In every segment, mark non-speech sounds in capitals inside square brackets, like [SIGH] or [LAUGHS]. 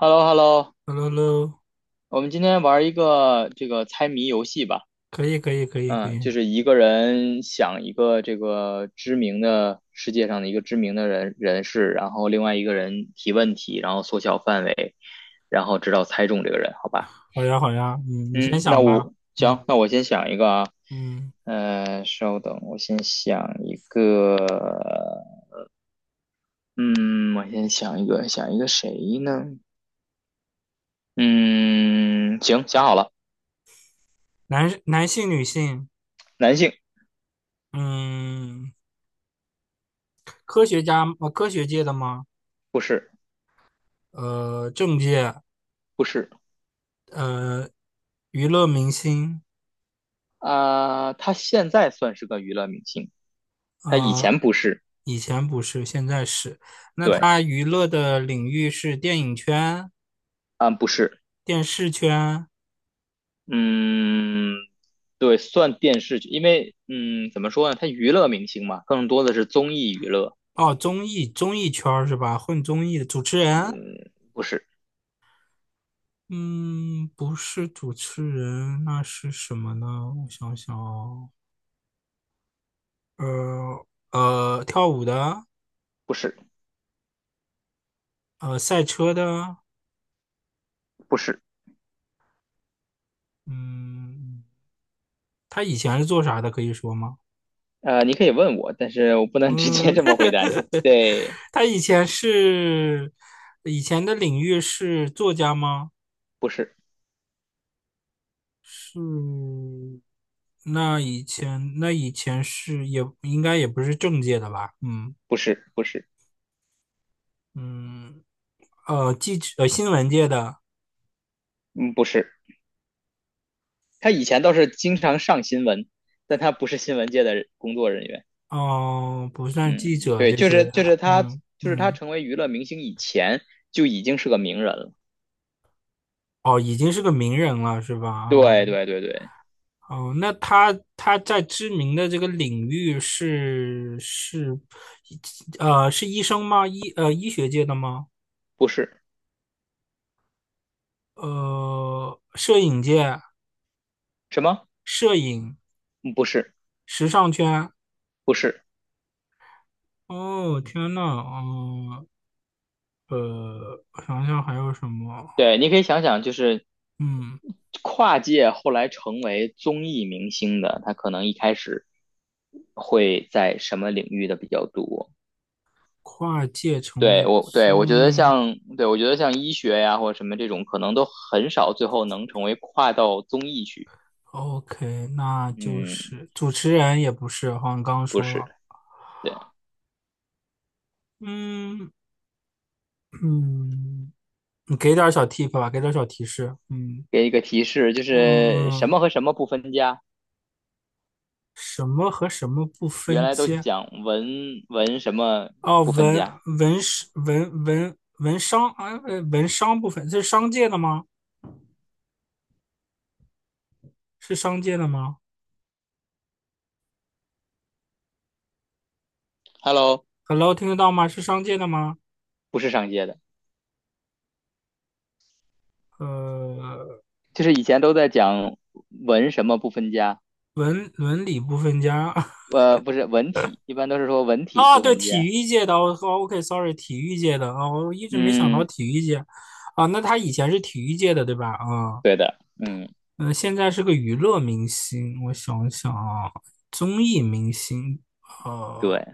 h e l l o h e l l o Hello hello，我们今天玩一个这个猜谜游戏吧。可以可以可以可嗯，以，就是一个人想一个这个知名的世界上的一个知名的人士，然后另外一个人提问题，然后缩小范围，然后直到猜中这个人，好吧？好呀好呀，嗯，你先嗯，那想吧，我嗯行，那我先想一个啊。嗯，稍等，我先想一个。嗯，我先想一个，想一个谁呢？嗯，行，想好了，男性女性，男性，嗯，科学界的吗？不是，政界，不是。呃，娱乐明星，啊、他现在算是个娱乐明星，他以呃，前不是，以前不是，现在是。那对，他娱乐的领域是电影圈、啊、不是，电视圈，嗯，对，算电视剧，因为，嗯，怎么说呢，他娱乐明星嘛，更多的是综艺娱乐，哦，综艺圈儿是吧？混综艺的主持人。嗯，不是，嗯，不是主持人，那是什么呢？我想想哦，呃跳舞的，不是，赛车的，不是，嗯，他以前是做啥的？可以说吗？你可以问我，但是我不能 [LAUGHS] 直接嗯，这么回答你，对，[LAUGHS] 他以前的领域是作家吗？不是，是，那以前是也应该也不是政界的吧？嗯不是，不是，嗯，新闻界的。嗯，不是，他以前倒是经常上新闻，但他不是新闻界的工作人员。哦，不算记嗯，者对，这就些，是就是他嗯就是他嗯，成为娱乐明星以前就已经是个名人了。哦，已经是个名人了，是吧？啊、哦，对对对对，哦，那他在知名的这个领域是医生吗？医学界的吗？不是摄影界、什么，摄影、嗯，不是时尚圈。不是，哦，天呐，哦，我想想还有什么？对，你可以想想，就是嗯，跨界后来成为综艺明星的，他可能一开始会在什么领域的比较多？跨界成对为我对我觉综得艺。像对我觉得像医学呀或者什么这种，可能都很少最后能成为跨到综艺去。OK，那就嗯，是主持人也不是，好像刚刚不说是，了。对。嗯嗯，你给点儿小 tip 吧，给点儿小提示。嗯给一个提示，就嗯是什嗯，么和什么不分家？什么和什么不原分来都家？讲文什么哦，不分文家文史文商啊，文商不分，这是商界的吗？是商界的吗，Hello，？Hello，听得到吗？是商界的吗？不是上街的，呃，就是以前都在讲文什么不分家，文理不分家。[LAUGHS] 不是文体，一般都是说文体啊，不对，分体家。育界的，哦哦，OK，sorry，体育界的啊，我一直没想到嗯，体育界啊，那他以前是体育界的对吧？啊，对的，嗯，嗯，现在是个娱乐明星，我想想啊，综艺明星，对，呃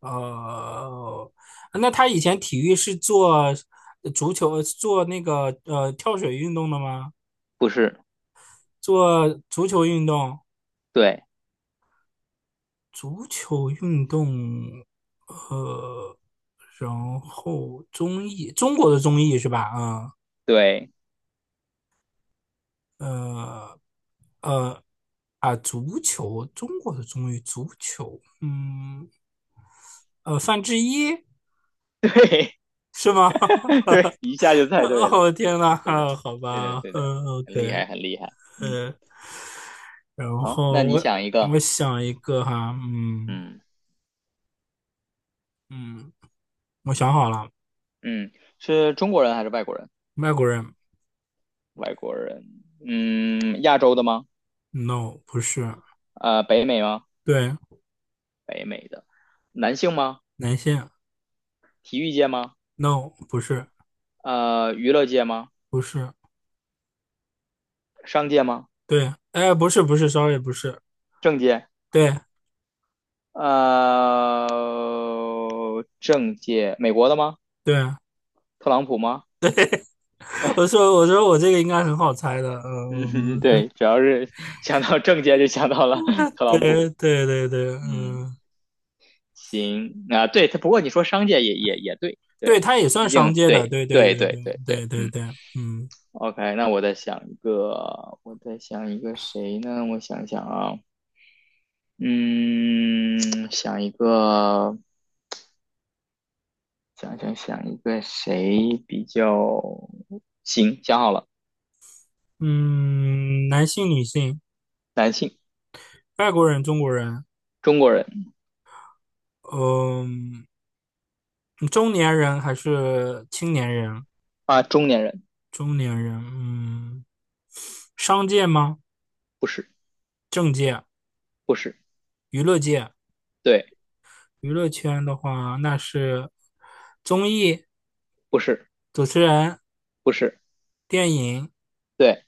呃，那他以前体育是做足球，做那个跳水运动的吗？不是，做足球运动对，足球运动，呃，然后综艺，中国的综艺是吧？啊、对，呃，呃，啊，足球，中国的综艺，足球，嗯，范志毅 [LAUGHS] 对，是吗？[LAUGHS] 太对了，哦，对的，天呐，对的，啊好对的，吧，对的，嗯很厉，OK，害，很厉害。嗯，呃，然好，那后你我想一个，我想一个哈，嗯嗯嗯，我想好了，嗯，是中国人还是外国人？外国人外国人，嗯，亚洲的吗？，no，不是，北美吗？对，北美的，男性吗？男性 体育界吗？n o 不是。娱乐界吗？不是，商界吗？对，哎，不是，不是，sorry，不是，政界？对，政界，美国的吗？对，特朗普吗？[LAUGHS] 我 [LAUGHS] 说，我说我这个应该很好猜的，嗯，嗯，对，主要是想到政界就想到了 [LAUGHS] [LAUGHS] 特朗对，普。对，对，对，嗯，嗯，行啊，对，他不过你说商界也对，对，对，他也算毕商竟界的，对对，对，对对，对对，对对，对，对，嗯，对，嗯，OK，那我再想一个，我再想一个谁呢？我想想啊，嗯，想一个，想想一个谁比较行？想好了，嗯，男性、女性，男性，外国人、中国人，中国人嗯，中年人还是青年人？啊，中年人，中年人，嗯，商界吗？不是，政界、不是，娱乐界、对，娱乐圈的话，那是综艺。不是，主持人，不是，电影，对，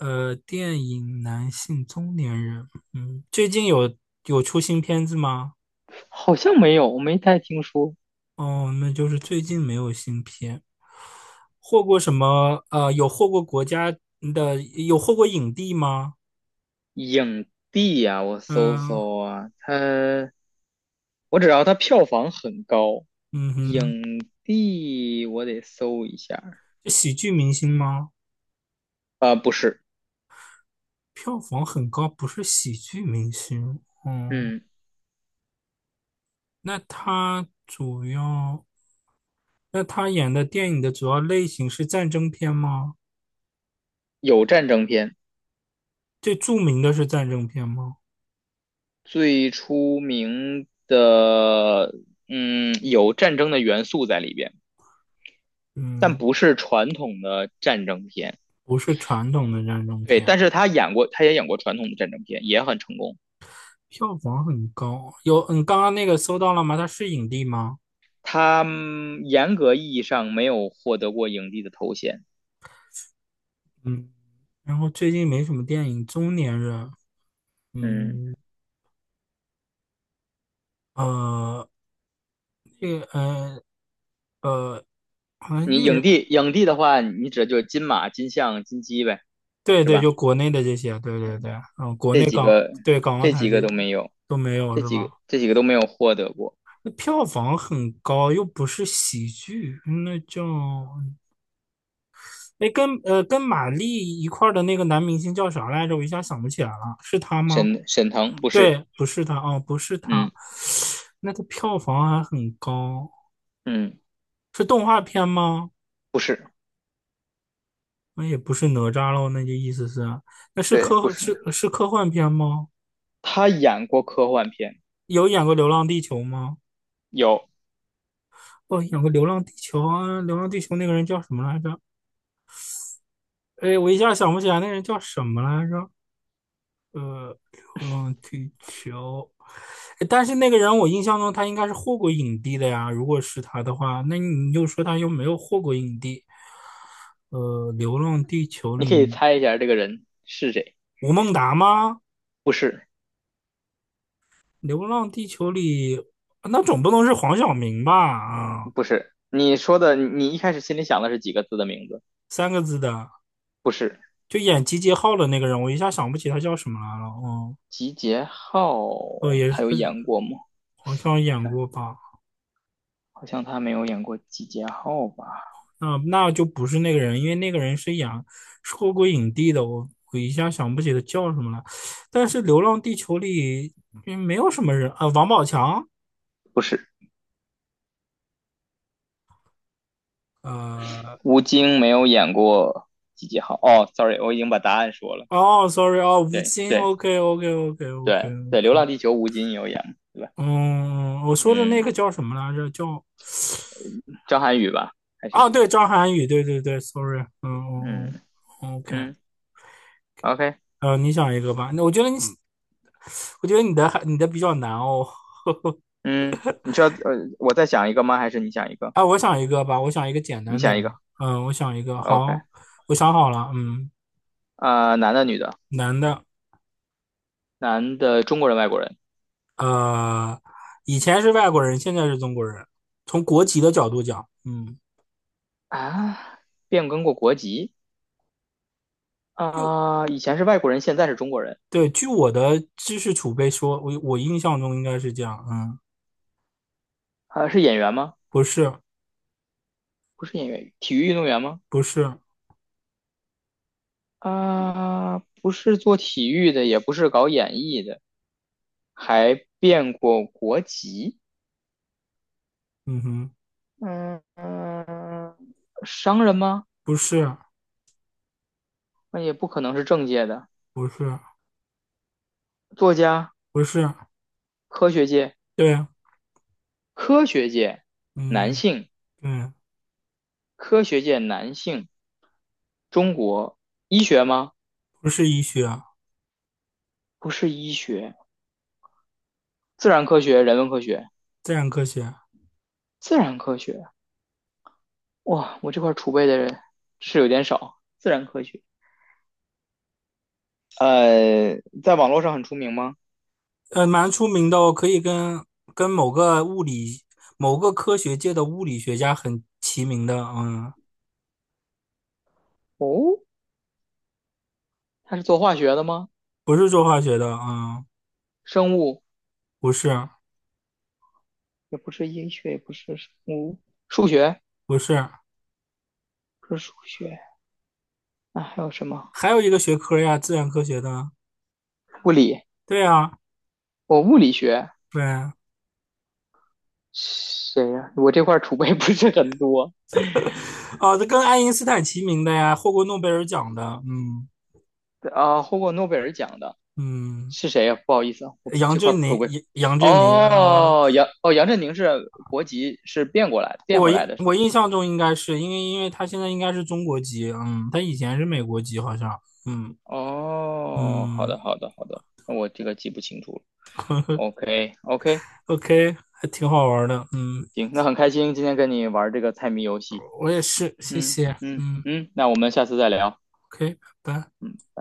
电影男性中年人，嗯，最近有出新片子吗？好像没有，我没太听说，哦，那就是最近没有新片，获过什么？有获过国家的，有获过影帝吗？影帝呀，我搜嗯搜啊，他我只要他票房很高，嗯影哼，帝我得搜一下儿是喜剧明星吗？啊、不是，票房很高，不是喜剧明星。哦，嗯，那他主要，那他演的电影的主要类型是战争片吗？有战争片，最著名的是战争片吗？最出名的，嗯，有战争的元素在里边，但嗯，不是传统的战争片。不是传统的战争对，片，但是他演过，他也演过传统的战争片，也很成功。票房很高。有，刚刚那个搜到了吗？它是影帝吗？他严格意义上没有获得过影帝的头衔。嗯，然后最近没什么电影，中年人，嗯。嗯，呃，那个，呃，呃，好像那你个影人，帝，影帝的话，你指的就是金马、金像、金鸡呗，对是对，吧？就国内的这些，对对对，嗯，国这内几港，个，对港澳这台几这个都没有，都没有这是几个，吧？这几个都没有获得过。那票房很高，又不是喜剧，哎，跟跟马丽一块儿的那个男明星叫啥来着？我一下想不起来了，是他吗？沈腾不是，对，不是他，哦，不是他，嗯那个票房还很高，嗯，是动画片吗？不是，那也不是哪吒喽，那就意思是，那是对，不科是。是是科幻片吗？他演过科幻片，有演过《流浪地球》吗？有，哦，演过《流浪地球》啊，《流浪地球》那个人叫什么来着？哎，我一下想不起来那人叫什么来着。呃，流浪地球，诶但是那个人我印象中他应该是获过影帝的呀。如果是他的话，那你又说他又没有获过影帝？流浪地球你可以里猜一下这个人是谁？吴孟达吗？不是，流浪地球里那总不能是黄晓明吧？啊，不是。你说的，你一开始心里想的是几个字的名字？三个字的，不是，就演集结号的那个人，我一下想不起他叫什么来了。哦，集结号，哦，也他是有演过吗？好像好演像过吧？他没有演过集结号吧？嗯，那就不是那个人，因为那个人是演获过影帝的，我一下想不起他叫什么了。但是《流浪地球》里没有什么人啊，王宝强，不是，呃，吴京没有演过几号。哦，sorry，我已经把答案说了。哦，sorry，哦，吴对京对对对，《流，OK，OK，OK，OK，OK，浪地球》吴京有演，对吧？嗯，我说的那个嗯，叫什么来着？叫张涵予吧，还是啊，谁？对，张涵予，对对对，sorry，嗯嗯嗯嗯，OK，嗯，OK，你想一个吧，那我觉得你，我觉得你的还你的比较难哦，[LAUGHS] 嗯，你需要我再想一个吗？还是你想一个？哎，我想一个吧，我想一个简你单点想一的。个嗯，我想一个，，OK，好，我想好了。嗯，啊，男的女的？男的，男的中国人外国人呃，以前是外国人，现在是中国人。从国籍的角度讲，嗯，啊？变更过国籍就啊？以前是外国人，现在是中国人对，据我的知识储备说，我印象中应该是这样。嗯，啊？是演员吗？不是，不是演员，体育运动员吗？不是，啊，不是做体育的，也不是搞演艺的，还变过国籍。嗯哼，嗯嗯，商人吗？不是，那也不可能是政界的。不是，作家，不是，科学界，对，科学界男嗯，性，对，科学界男性。中国医学吗？不是医学，不是医学，自然科学、人文科学，自然科学，自然科学。哇，我这块储备的人是有点少。自然科学，在网络上很出名吗？蛮出名的哦，可以跟某个物理、某个科学界的物理学家很齐名的，嗯，哦，他是做化学的吗？不是做化学的，嗯，生物不是，也不是医学，也不是生物，数学不是，不是数学那还有什么？还有一个学科呀，自然科学的，物理，对呀，我物理学对，谁呀、我这块储备不是很多哦，这跟爱因斯坦齐名的呀，获过诺贝尔奖的，嗯啊，获过诺贝尔奖的嗯，是谁呀、不好意思啊，我杨这块儿振储宁，备。杨振宁，哦，杨振宁是国籍是变过来的变回来的是我吗？印象中应该是因为他现在应该是中国籍，嗯，他以前是美国籍好像，嗯哦，好嗯。的，好的，好的，那我这个记不清楚了。OK，OK，OK，还挺好玩的，嗯，行，那很开心今天跟你玩这个猜谜游戏。我也是，谢嗯谢，嗯嗯嗯，那我们下次再聊。，OK，拜拜。嗯。拜